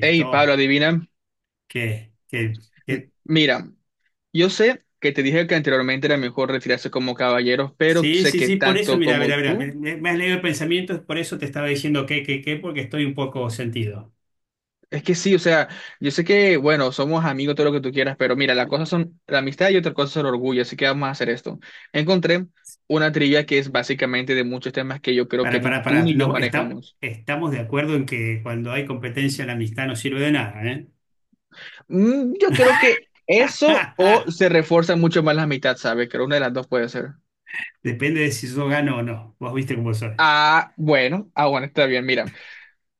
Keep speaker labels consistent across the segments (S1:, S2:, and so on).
S1: Hey, Pablo, adivina.
S2: ¿Qué? ¿Qué? ¿Qué?
S1: Mira, yo sé que te dije que anteriormente era mejor retirarse como caballeros, pero
S2: Sí,
S1: sé
S2: sí,
S1: que
S2: sí, por eso,
S1: tanto
S2: mira, mira,
S1: como
S2: mira, me,
S1: tú.
S2: me- me has leído el pensamiento, por eso te estaba diciendo qué, qué, qué, porque estoy un poco sentido.
S1: Es que sí, o sea, yo sé que, bueno, somos amigos, todo lo que tú quieras, pero mira, las cosas son la amistad y otra cosa es el orgullo, así que vamos a hacer esto. Encontré una trivia que es básicamente de muchos temas que yo creo que ni tú
S2: Para,
S1: ni yo
S2: no,
S1: manejamos.
S2: estamos de acuerdo en que cuando hay competencia la amistad no sirve de nada, ¿eh?
S1: Yo creo que eso o se refuerza mucho más la amistad, ¿sabes? Creo una de las dos puede ser.
S2: Depende de si yo gano o no. Vos viste cómo soy.
S1: Ah, bueno, ah, bueno, está bien, mira.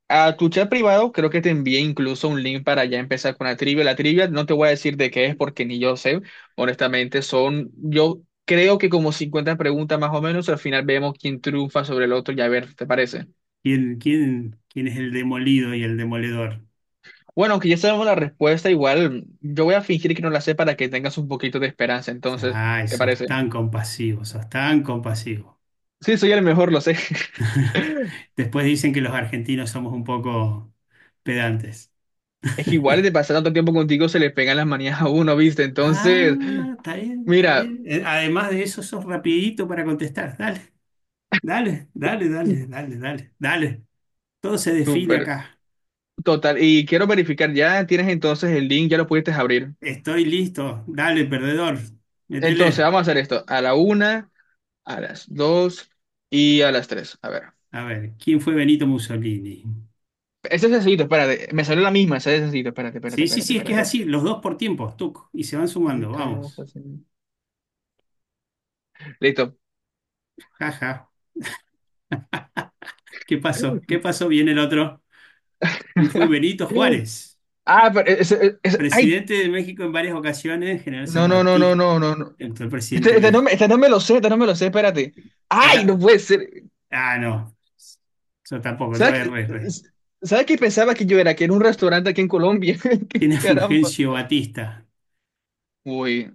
S1: A tu chat privado creo que te envié incluso un link para ya empezar con la trivia. La trivia no te voy a decir de qué es porque ni yo sé. Honestamente, yo creo que como 50 preguntas más o menos. Al final vemos quién triunfa sobre el otro y a ver, ¿te parece?
S2: ¿Quién es el demolido y el demoledor?
S1: Bueno, aunque ya sabemos la respuesta, igual yo voy a fingir que no la sé para que tengas un poquito de esperanza. Entonces,
S2: Ay,
S1: ¿te
S2: sos
S1: parece?
S2: tan compasivo, sos tan compasivo.
S1: Sí, soy el mejor, lo sé.
S2: Después dicen que los argentinos somos un poco pedantes.
S1: Es que igual de pasar tanto tiempo contigo se le pegan las manías a uno, ¿viste? Entonces,
S2: Ah, está bien, está
S1: mira,
S2: bien. Además de eso, sos rapidito para contestar. Dale, dale, dale, dale, dale, dale, dale. Todo se define
S1: súper.
S2: acá.
S1: Total, y quiero verificar, ya tienes entonces el link, ya lo pudiste abrir.
S2: Estoy listo. Dale, perdedor.
S1: Entonces,
S2: Métele.
S1: vamos a hacer esto, a la una, a las dos y a las tres. A ver.
S2: A ver, ¿quién fue Benito Mussolini?
S1: Este es sencillito, espérate, me salió la misma, ese es sencillito, espérate, espérate,
S2: Sí, sí,
S1: espérate,
S2: sí, es que es
S1: espérate.
S2: así. Los dos por tiempos, tuc. Y se van sumando. Vamos.
S1: Listo.
S2: Jaja. ¿Qué pasó? ¿Qué pasó? Viene el otro. ¿Quién fue Benito Juárez?
S1: Ah, pero ay,
S2: Presidente de México en varias ocasiones, general
S1: no, no, no, no,
S2: zapatista,
S1: no, no, no.
S2: actual presidente de México.
S1: Este no me lo sé, este no me lo sé, espérate.
S2: Ahí
S1: Ay, no
S2: está.
S1: puede ser.
S2: Ah, no. Yo tampoco, yo
S1: ¿Sabes qué?
S2: RR.
S1: ¿Sabes qué pensaba que yo era? Que era un restaurante aquí en Colombia. Qué
S2: ¿Quién es
S1: caramba.
S2: Fulgencio Batista?
S1: Uy,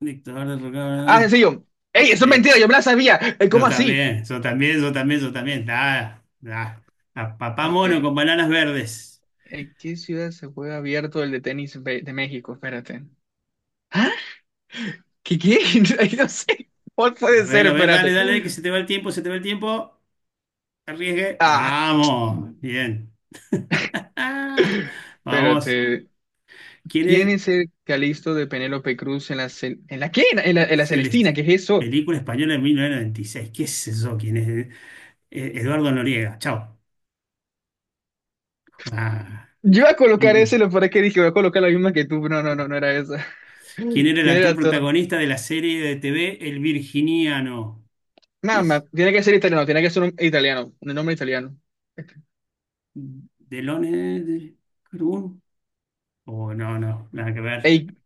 S2: Dictador de
S1: ah,
S2: Roca-
S1: sencillo. ¡Ey, eso es
S2: Sí,
S1: mentira! Yo me la sabía. ¿Cómo
S2: yo
S1: así?
S2: también, yo también, yo también, yo también. Ah, ah. A papá
S1: Ok.
S2: mono con bananas verdes.
S1: ¿En qué ciudad se juega abierto el de tenis de México? Espérate. ¿Ah? ¿Qué, qué? Ay, no sé. ¿Cuál puede ser?
S2: A ver,
S1: Espérate.
S2: dale, dale, que se te va el tiempo, se te va el tiempo. Arriesgue.
S1: Ah,
S2: Vamos, bien. Vamos.
S1: espérate.
S2: ¿Quién
S1: ¿Quién
S2: es
S1: es el Calisto de Penélope Cruz en la, ¿en la qué? En la
S2: Celeste?
S1: Celestina, ¿qué es eso?
S2: Película española de 1996. ¿Qué es eso? ¿Quién es? Eduardo Noriega. Chao. Ah.
S1: Yo iba a colocar ese, lo para que dije, voy a colocar la misma que tú. No, no, no, no era esa.
S2: ¿Quién era el
S1: ¿Quién
S2: actor
S1: era todo?
S2: protagonista de la serie de TV El Virginiano? ¿Qué
S1: Nada más,
S2: es?
S1: tiene que ser italiano, tiene que ser un italiano, un nombre italiano. Este,
S2: ¿Delone de Carbón? Oh, no, no, nada que ver.
S1: ey,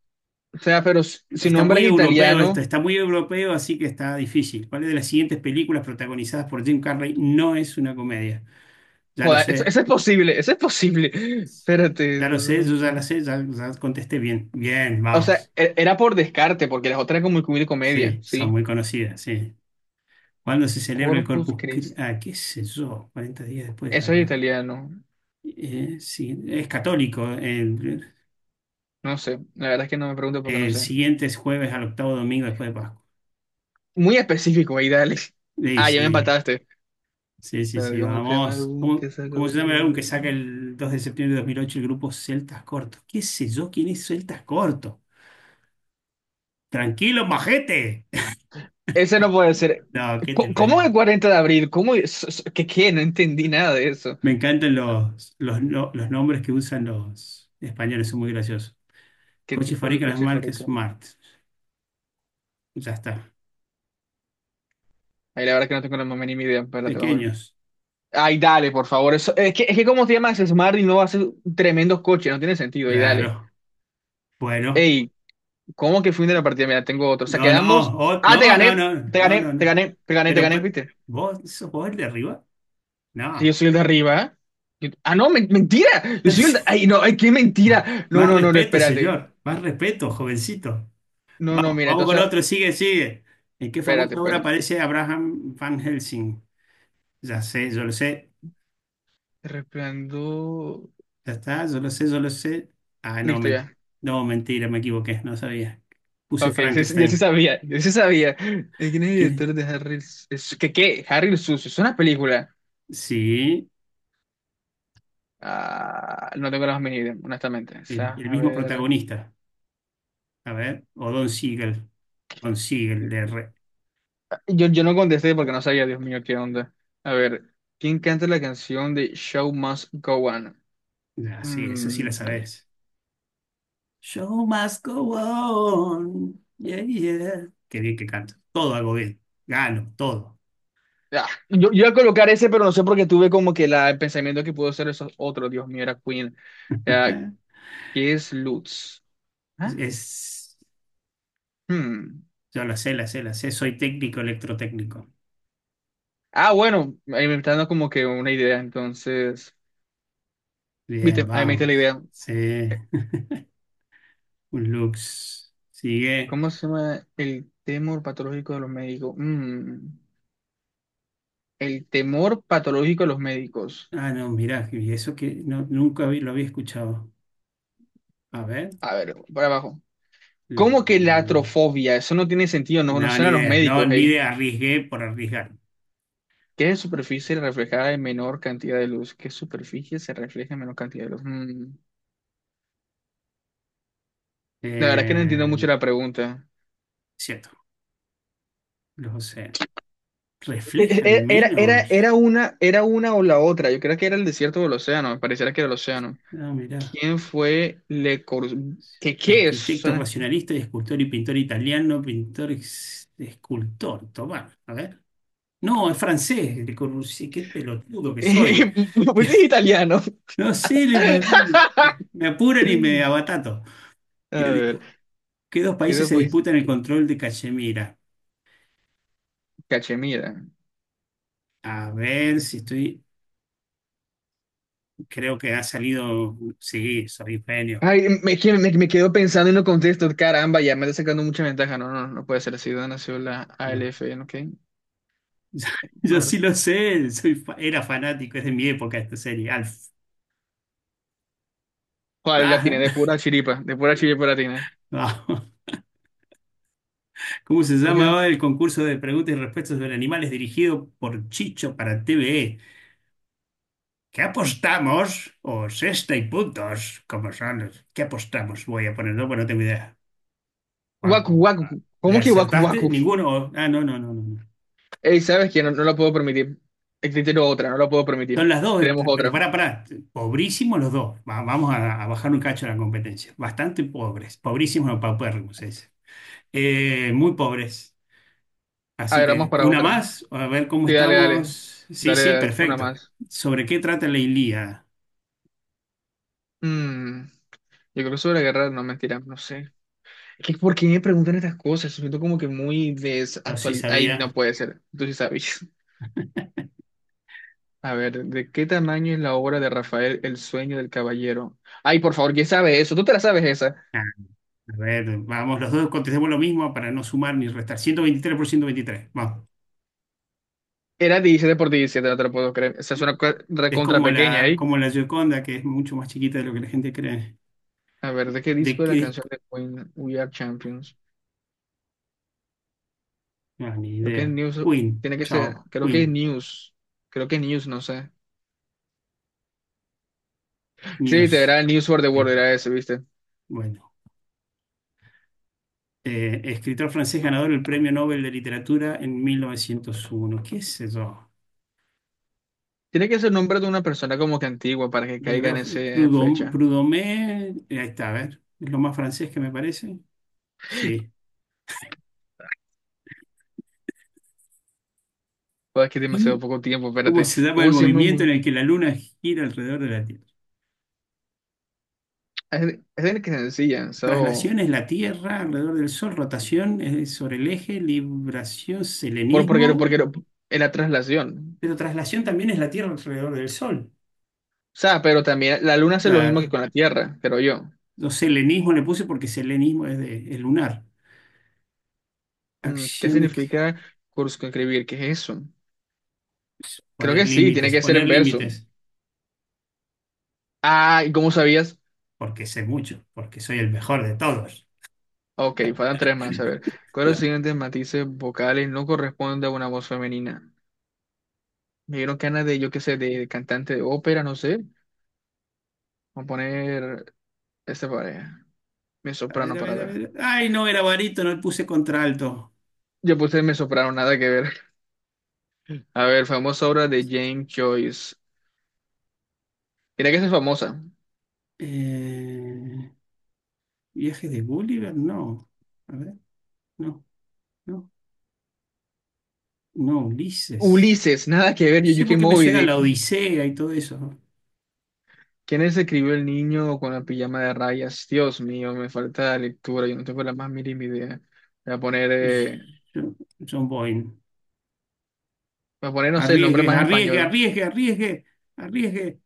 S1: o sea, pero si
S2: Está
S1: nombre
S2: muy
S1: es
S2: europeo esto,
S1: italiano,
S2: está muy europeo, así que está difícil. ¿Cuál de las siguientes películas protagonizadas por Jim Carrey no es una comedia? Ya lo
S1: joder, eso,
S2: sé,
S1: eso es posible, eso es posible. Espérate.
S2: ya lo sé, yo ya la sé, ya, ya contesté bien. Bien,
S1: O sea,
S2: vamos.
S1: era por descarte, porque las otras eran como muy comedia,
S2: Sí, son
S1: sí.
S2: muy conocidas, sí. ¿Cuándo se celebra el
S1: Corpus
S2: Corpus Christi?
S1: Christi.
S2: Ah, qué sé yo, 40 días después, claro,
S1: Eso es
S2: ¿no?
S1: italiano.
S2: Sí, es católico.
S1: No sé, la verdad es que no me pregunto porque no
S2: El
S1: sé.
S2: siguiente es jueves al octavo domingo después de Pascua.
S1: Muy específico, ahí dale.
S2: Sí,
S1: Ah, ya me
S2: sí,
S1: empataste.
S2: sí, sí,
S1: Espérate,
S2: sí,
S1: ¿cómo se llama el
S2: vamos.
S1: álbum
S2: ¿Cómo,
S1: que saca?
S2: cómo se
S1: doce
S2: llama el
S1: de
S2: álbum que saca
S1: abril?
S2: el 2 de septiembre de 2008 el grupo Celtas Cortos? ¿Qué sé yo quién es Celtas Cortos? Tranquilo, majete.
S1: Ese no puede ser.
S2: No, ¿qué te parece?
S1: ¿Cómo el 40 de abril? ¿Cómo? ¿Qué, qué? No entendí nada de eso.
S2: Me encantan los, no- los nombres que usan los españoles, son muy graciosos.
S1: ¿Qué
S2: Coches
S1: tipo de
S2: fabrican las
S1: coche es
S2: marcas
S1: favorito?
S2: Smart. Ya está.
S1: Ahí la verdad es que no tengo la más mínima idea. Espérate,
S2: Pequeños.
S1: ay, dale, por favor. Eso, es que como se llama ese Smart y no hace tremendos coches, no tiene sentido. Ay, dale.
S2: Claro. Bueno.
S1: Ey, ¿cómo que fin de la partida? Mira, tengo otro. O sea,
S2: No, no,
S1: quedamos. Ah, te
S2: no, no,
S1: gané,
S2: no,
S1: te
S2: no,
S1: gané,
S2: no,
S1: te
S2: no.
S1: gané, te gané, te
S2: Pero,
S1: gané, ¿viste?
S2: ¿vos sos vos el de arriba?
S1: Sí, yo
S2: No.
S1: soy el de arriba. ¿Eh? Ah, no, mentira. Yo soy el de. Ay, no, ay, qué mentira. No,
S2: Más
S1: no, no, no,
S2: respeto,
S1: espérate.
S2: señor. Más respeto, jovencito.
S1: No, no,
S2: Vamos,
S1: mira,
S2: vamos con
S1: entonces,
S2: otro. Sigue, sigue. ¿En qué
S1: espérate,
S2: famosa obra
S1: espérate.
S2: aparece Abraham Van Helsing? Ya sé, yo lo sé.
S1: Resplandor.
S2: Ya está, yo lo sé, yo lo sé. Ah,
S1: Listo, ya.
S2: no, mentira, me equivoqué. No sabía. Puse
S1: Ok, sí, sí, yo sí
S2: Frankenstein.
S1: sabía, yo sí sabía. ¿Quién es el
S2: ¿Quién
S1: director de Harry? ¿Qué, qué? Harry el Sucio, es una película.
S2: es? Sí,
S1: Ah, no tengo las medidas, honestamente. O sea,
S2: el
S1: a
S2: mismo
S1: ver.
S2: protagonista. A ver, o Don Siegel. Don Siegel.
S1: Yo no contesté porque no sabía, Dios mío, qué onda. A ver, ¿quién canta la canción de Show Must Go On?
S2: Ah, sí, esa sí la
S1: Mm,
S2: sabes. Show must go on. Yeah, yeah. Qué bien que canto. Todo hago bien. Gano, todo.
S1: yo iba a colocar ese, pero no sé porque tuve como que la, el pensamiento que pudo ser esos otros. Dios mío, era Queen. Ah,
S2: Ajá.
S1: ¿qué es Lutz?
S2: Es,
S1: Ah,
S2: es-
S1: hmm.
S2: yo la sé, la sé, la sé. Soy técnico electrotécnico.
S1: Ah, bueno, ahí me está dando como que una idea. Entonces,
S2: Bien,
S1: viste, ahí me está la
S2: vamos.
S1: idea.
S2: Sí. Un Lux. Sigue.
S1: ¿Cómo se llama el temor patológico de los médicos? Mm. El temor patológico de los médicos.
S2: Ah, no, mirá, y eso que no, nunca lo había escuchado. A ver.
S1: A ver, para abajo. ¿Cómo que la
S2: Mm.
S1: atrofobia? Eso no tiene sentido, no
S2: No,
S1: conocen
S2: ni
S1: a los
S2: idea. No,
S1: médicos,
S2: ni
S1: hey.
S2: idea. Arriesgué por arriesgar.
S1: ¿Qué superficie reflejará en menor cantidad de luz? ¿Qué superficie se refleja en menor cantidad de luz? La verdad es que no entiendo
S2: Eh,
S1: mucho la pregunta.
S2: cierto. Lo sé.
S1: E-
S2: Reflejan
S1: e- Era, era,
S2: menos.
S1: era una, era una o la otra. Yo creo que era el desierto o el océano. Me pareciera que era el océano.
S2: Ah, mirá.
S1: ¿Quién fue Le Corbusier? ¿Qué, qué es?
S2: Arquitecto racionalista y escultor y pintor italiano, pintor escultor. Tomá, a ver. No, es francés, Le Corbusier, qué pelotudo que soy.
S1: ¿Por qué es italiano?
S2: No sé, me apuran y me abatato.
S1: A
S2: ¿Qué,
S1: ver,
S2: qué dos
S1: ¿qué
S2: países se disputan el control de Cachemira?
S1: Cachemira.
S2: A ver si estoy. Creo que ha salido. Sí, soy un genio.
S1: Ay, me quedo pensando y no contesto. Caramba, ya me está sacando mucha ventaja. No, no, no no puede ser así. Ciudad nació la ALF, ¿ok?
S2: Yo
S1: Madre.
S2: sí lo sé, era fanático, es de mi época esta serie, Alf.
S1: Joder, la tiene
S2: Ah,
S1: de pura chiripa la tiene.
S2: vamos. ¿Cómo se
S1: Cogió-
S2: llamaba el concurso de preguntas y respuestas sobre animales dirigido por Chicho para TVE? ¿Qué apostamos? O sexta y puntos, como son los- ¿Qué apostamos? Voy a ponerlo, porque no tengo idea. Paco,
S1: Guacu, guacu.
S2: ¿le
S1: ¿Cómo que guacu,
S2: acertaste?
S1: guacu?
S2: Ninguno. Ah, no, no, no, no, no.
S1: Ey, ¿sabes qué? No, no lo puedo permitir. Existe otra, no lo puedo permitir.
S2: Son las dos,
S1: Tenemos
S2: pero
S1: otra.
S2: pará, pará. Pobrísimos los dos. Vamos a bajar un cacho la competencia. Bastante pobres. Pobrísimos o paupérrimos, ese. Muy pobres.
S1: A
S2: Así
S1: ver, vamos
S2: que
S1: para
S2: una
S1: otra.
S2: más, a ver cómo
S1: Sí, dale, dale.
S2: estamos. Sí,
S1: Dale,
S2: sí,
S1: dale, una
S2: perfecto.
S1: más.
S2: ¿Sobre qué trata la Ilíada?
S1: Mm, yo creo que sobre la guerra, no, mentira, no sé. Es que ¿por qué me preguntan estas cosas? Siento como que muy
S2: No sé si
S1: desactualizado. Ay, no
S2: sabía.
S1: puede ser. Tú sí sabes. A ver, ¿de qué tamaño es la obra de Rafael El sueño del caballero? Ay, por favor, ¿quién sabe eso? ¿Tú te la sabes esa?
S2: Ah, a ver, vamos, los dos contestemos lo mismo para no sumar ni restar. 123 por 123. Vamos.
S1: Era 17 por 17, no te lo puedo creer. Esa es una
S2: Es
S1: recontra pequeña ahí.
S2: como la Gioconda, que es mucho más chiquita de lo que la gente cree.
S1: A ver, ¿de qué
S2: ¿De
S1: disco es
S2: qué
S1: la canción
S2: disco?
S1: de Queen We Are Champions?
S2: No, ni
S1: Creo que es
S2: idea.
S1: News.
S2: Queen,
S1: Tiene que ser.
S2: chao.
S1: Creo que es
S2: Queen,
S1: News. Creo que News, no sé. Sí, te era
S2: News.
S1: News for the
S2: Eh,
S1: World, era ese, ¿viste?
S2: bueno. Escritor francés ganador del Premio Nobel de Literatura en 1901. ¿Qué es eso?
S1: Tiene que ser nombre de una persona como que antigua para que
S2: Yo
S1: caiga
S2: creo
S1: en
S2: que
S1: esa fecha.
S2: Prudhomé, ahí está, a ver, es lo más francés que me parece. Sí.
S1: Joder, es que demasiado
S2: ¿Y
S1: poco tiempo,
S2: ¿Cómo
S1: espérate.
S2: se llama el
S1: ¿Cómo se llama?
S2: movimiento en el que la luna gira alrededor de la Tierra?
S1: Es es el que se ensillan, so,
S2: Traslación es la Tierra alrededor del Sol, rotación es sobre el eje, libración,
S1: por, porque,
S2: selenismo,
S1: porque es la traslación.
S2: pero traslación también es la Tierra alrededor del Sol.
S1: O sea, pero también la luna hace lo mismo que
S2: Claro.
S1: con la Tierra, creo yo.
S2: Yo selenismo le puse porque selenismo es de es lunar.
S1: ¿Qué
S2: Acción de
S1: significa circunscribir? ¿Qué es eso? Creo que sí, tiene que ser
S2: poner
S1: en verso.
S2: límites,
S1: Ah, ¿y cómo sabías?
S2: porque sé mucho, porque soy el mejor de todos.
S1: Ok, faltan tres más, a ver. ¿Cuáles los siguientes matices vocales no corresponde a una voz femenina? Me dieron ganas de, yo qué sé, de cantante de ópera, no sé. Vamos a poner esta pareja, mi
S2: A ver,
S1: soprano
S2: a
S1: para
S2: ver, a
S1: ver.
S2: ver. Ay, no, era barítono, le puse contralto.
S1: Yo puse me sopraron, nada que ver. A ver, famosa obra de James Joyce. Mira que esa es famosa.
S2: Eh, viaje de Gulliver, no. A ver, no, no, no, Ulises.
S1: Ulises, nada que ver,
S2: No sé
S1: Yuyuki
S2: por qué me
S1: Moby
S2: suena la
S1: Dick.
S2: Odisea y todo eso.
S1: ¿Quién es escribió El niño con la pijama de rayas? Dios mío, me falta lectura, yo no tengo la más mínima idea. Voy a poner, eh,
S2: John, John Boyne.
S1: voy a poner, no sé, el nombre
S2: Arriesgue,
S1: más
S2: arriesgue,
S1: español.
S2: arriesgue, arriesgue, arriesgue.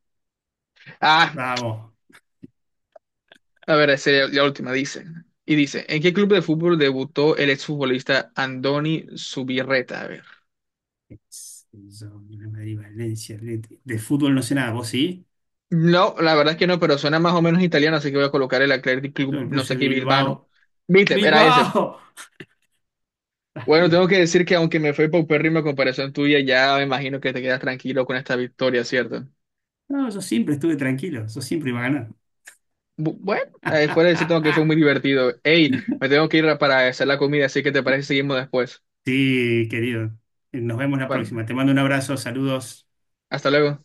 S1: Ah,
S2: Bravo.
S1: a ver, esa es la última, dice. Y dice, ¿en qué club de fútbol debutó el exfutbolista Andoni Zubirreta?
S2: Yo, Real Madrid, Valencia, Atleti. De fútbol no sé nada, ¿vos sí?
S1: No, la verdad es que no, pero suena más o menos italiano, así que voy a colocar el Athletic Club,
S2: Yo le
S1: no
S2: puse
S1: sé qué, Bilbao.
S2: Bilbao.
S1: Viste, era ese.
S2: ¡Bilbao!
S1: Bueno, tengo que decir que aunque me fue paupérrimo a comparación tuya, ya me imagino que te quedas tranquilo con esta victoria, ¿cierto?
S2: No, yo siempre estuve tranquilo, yo siempre iba a ganar.
S1: Bueno, fuera de eso tengo que fue muy divertido. Ey, me tengo que ir para hacer la comida, así que te parece que seguimos después.
S2: Sí, querido. Nos vemos la
S1: Bueno,
S2: próxima. Te mando un abrazo, saludos.
S1: hasta luego.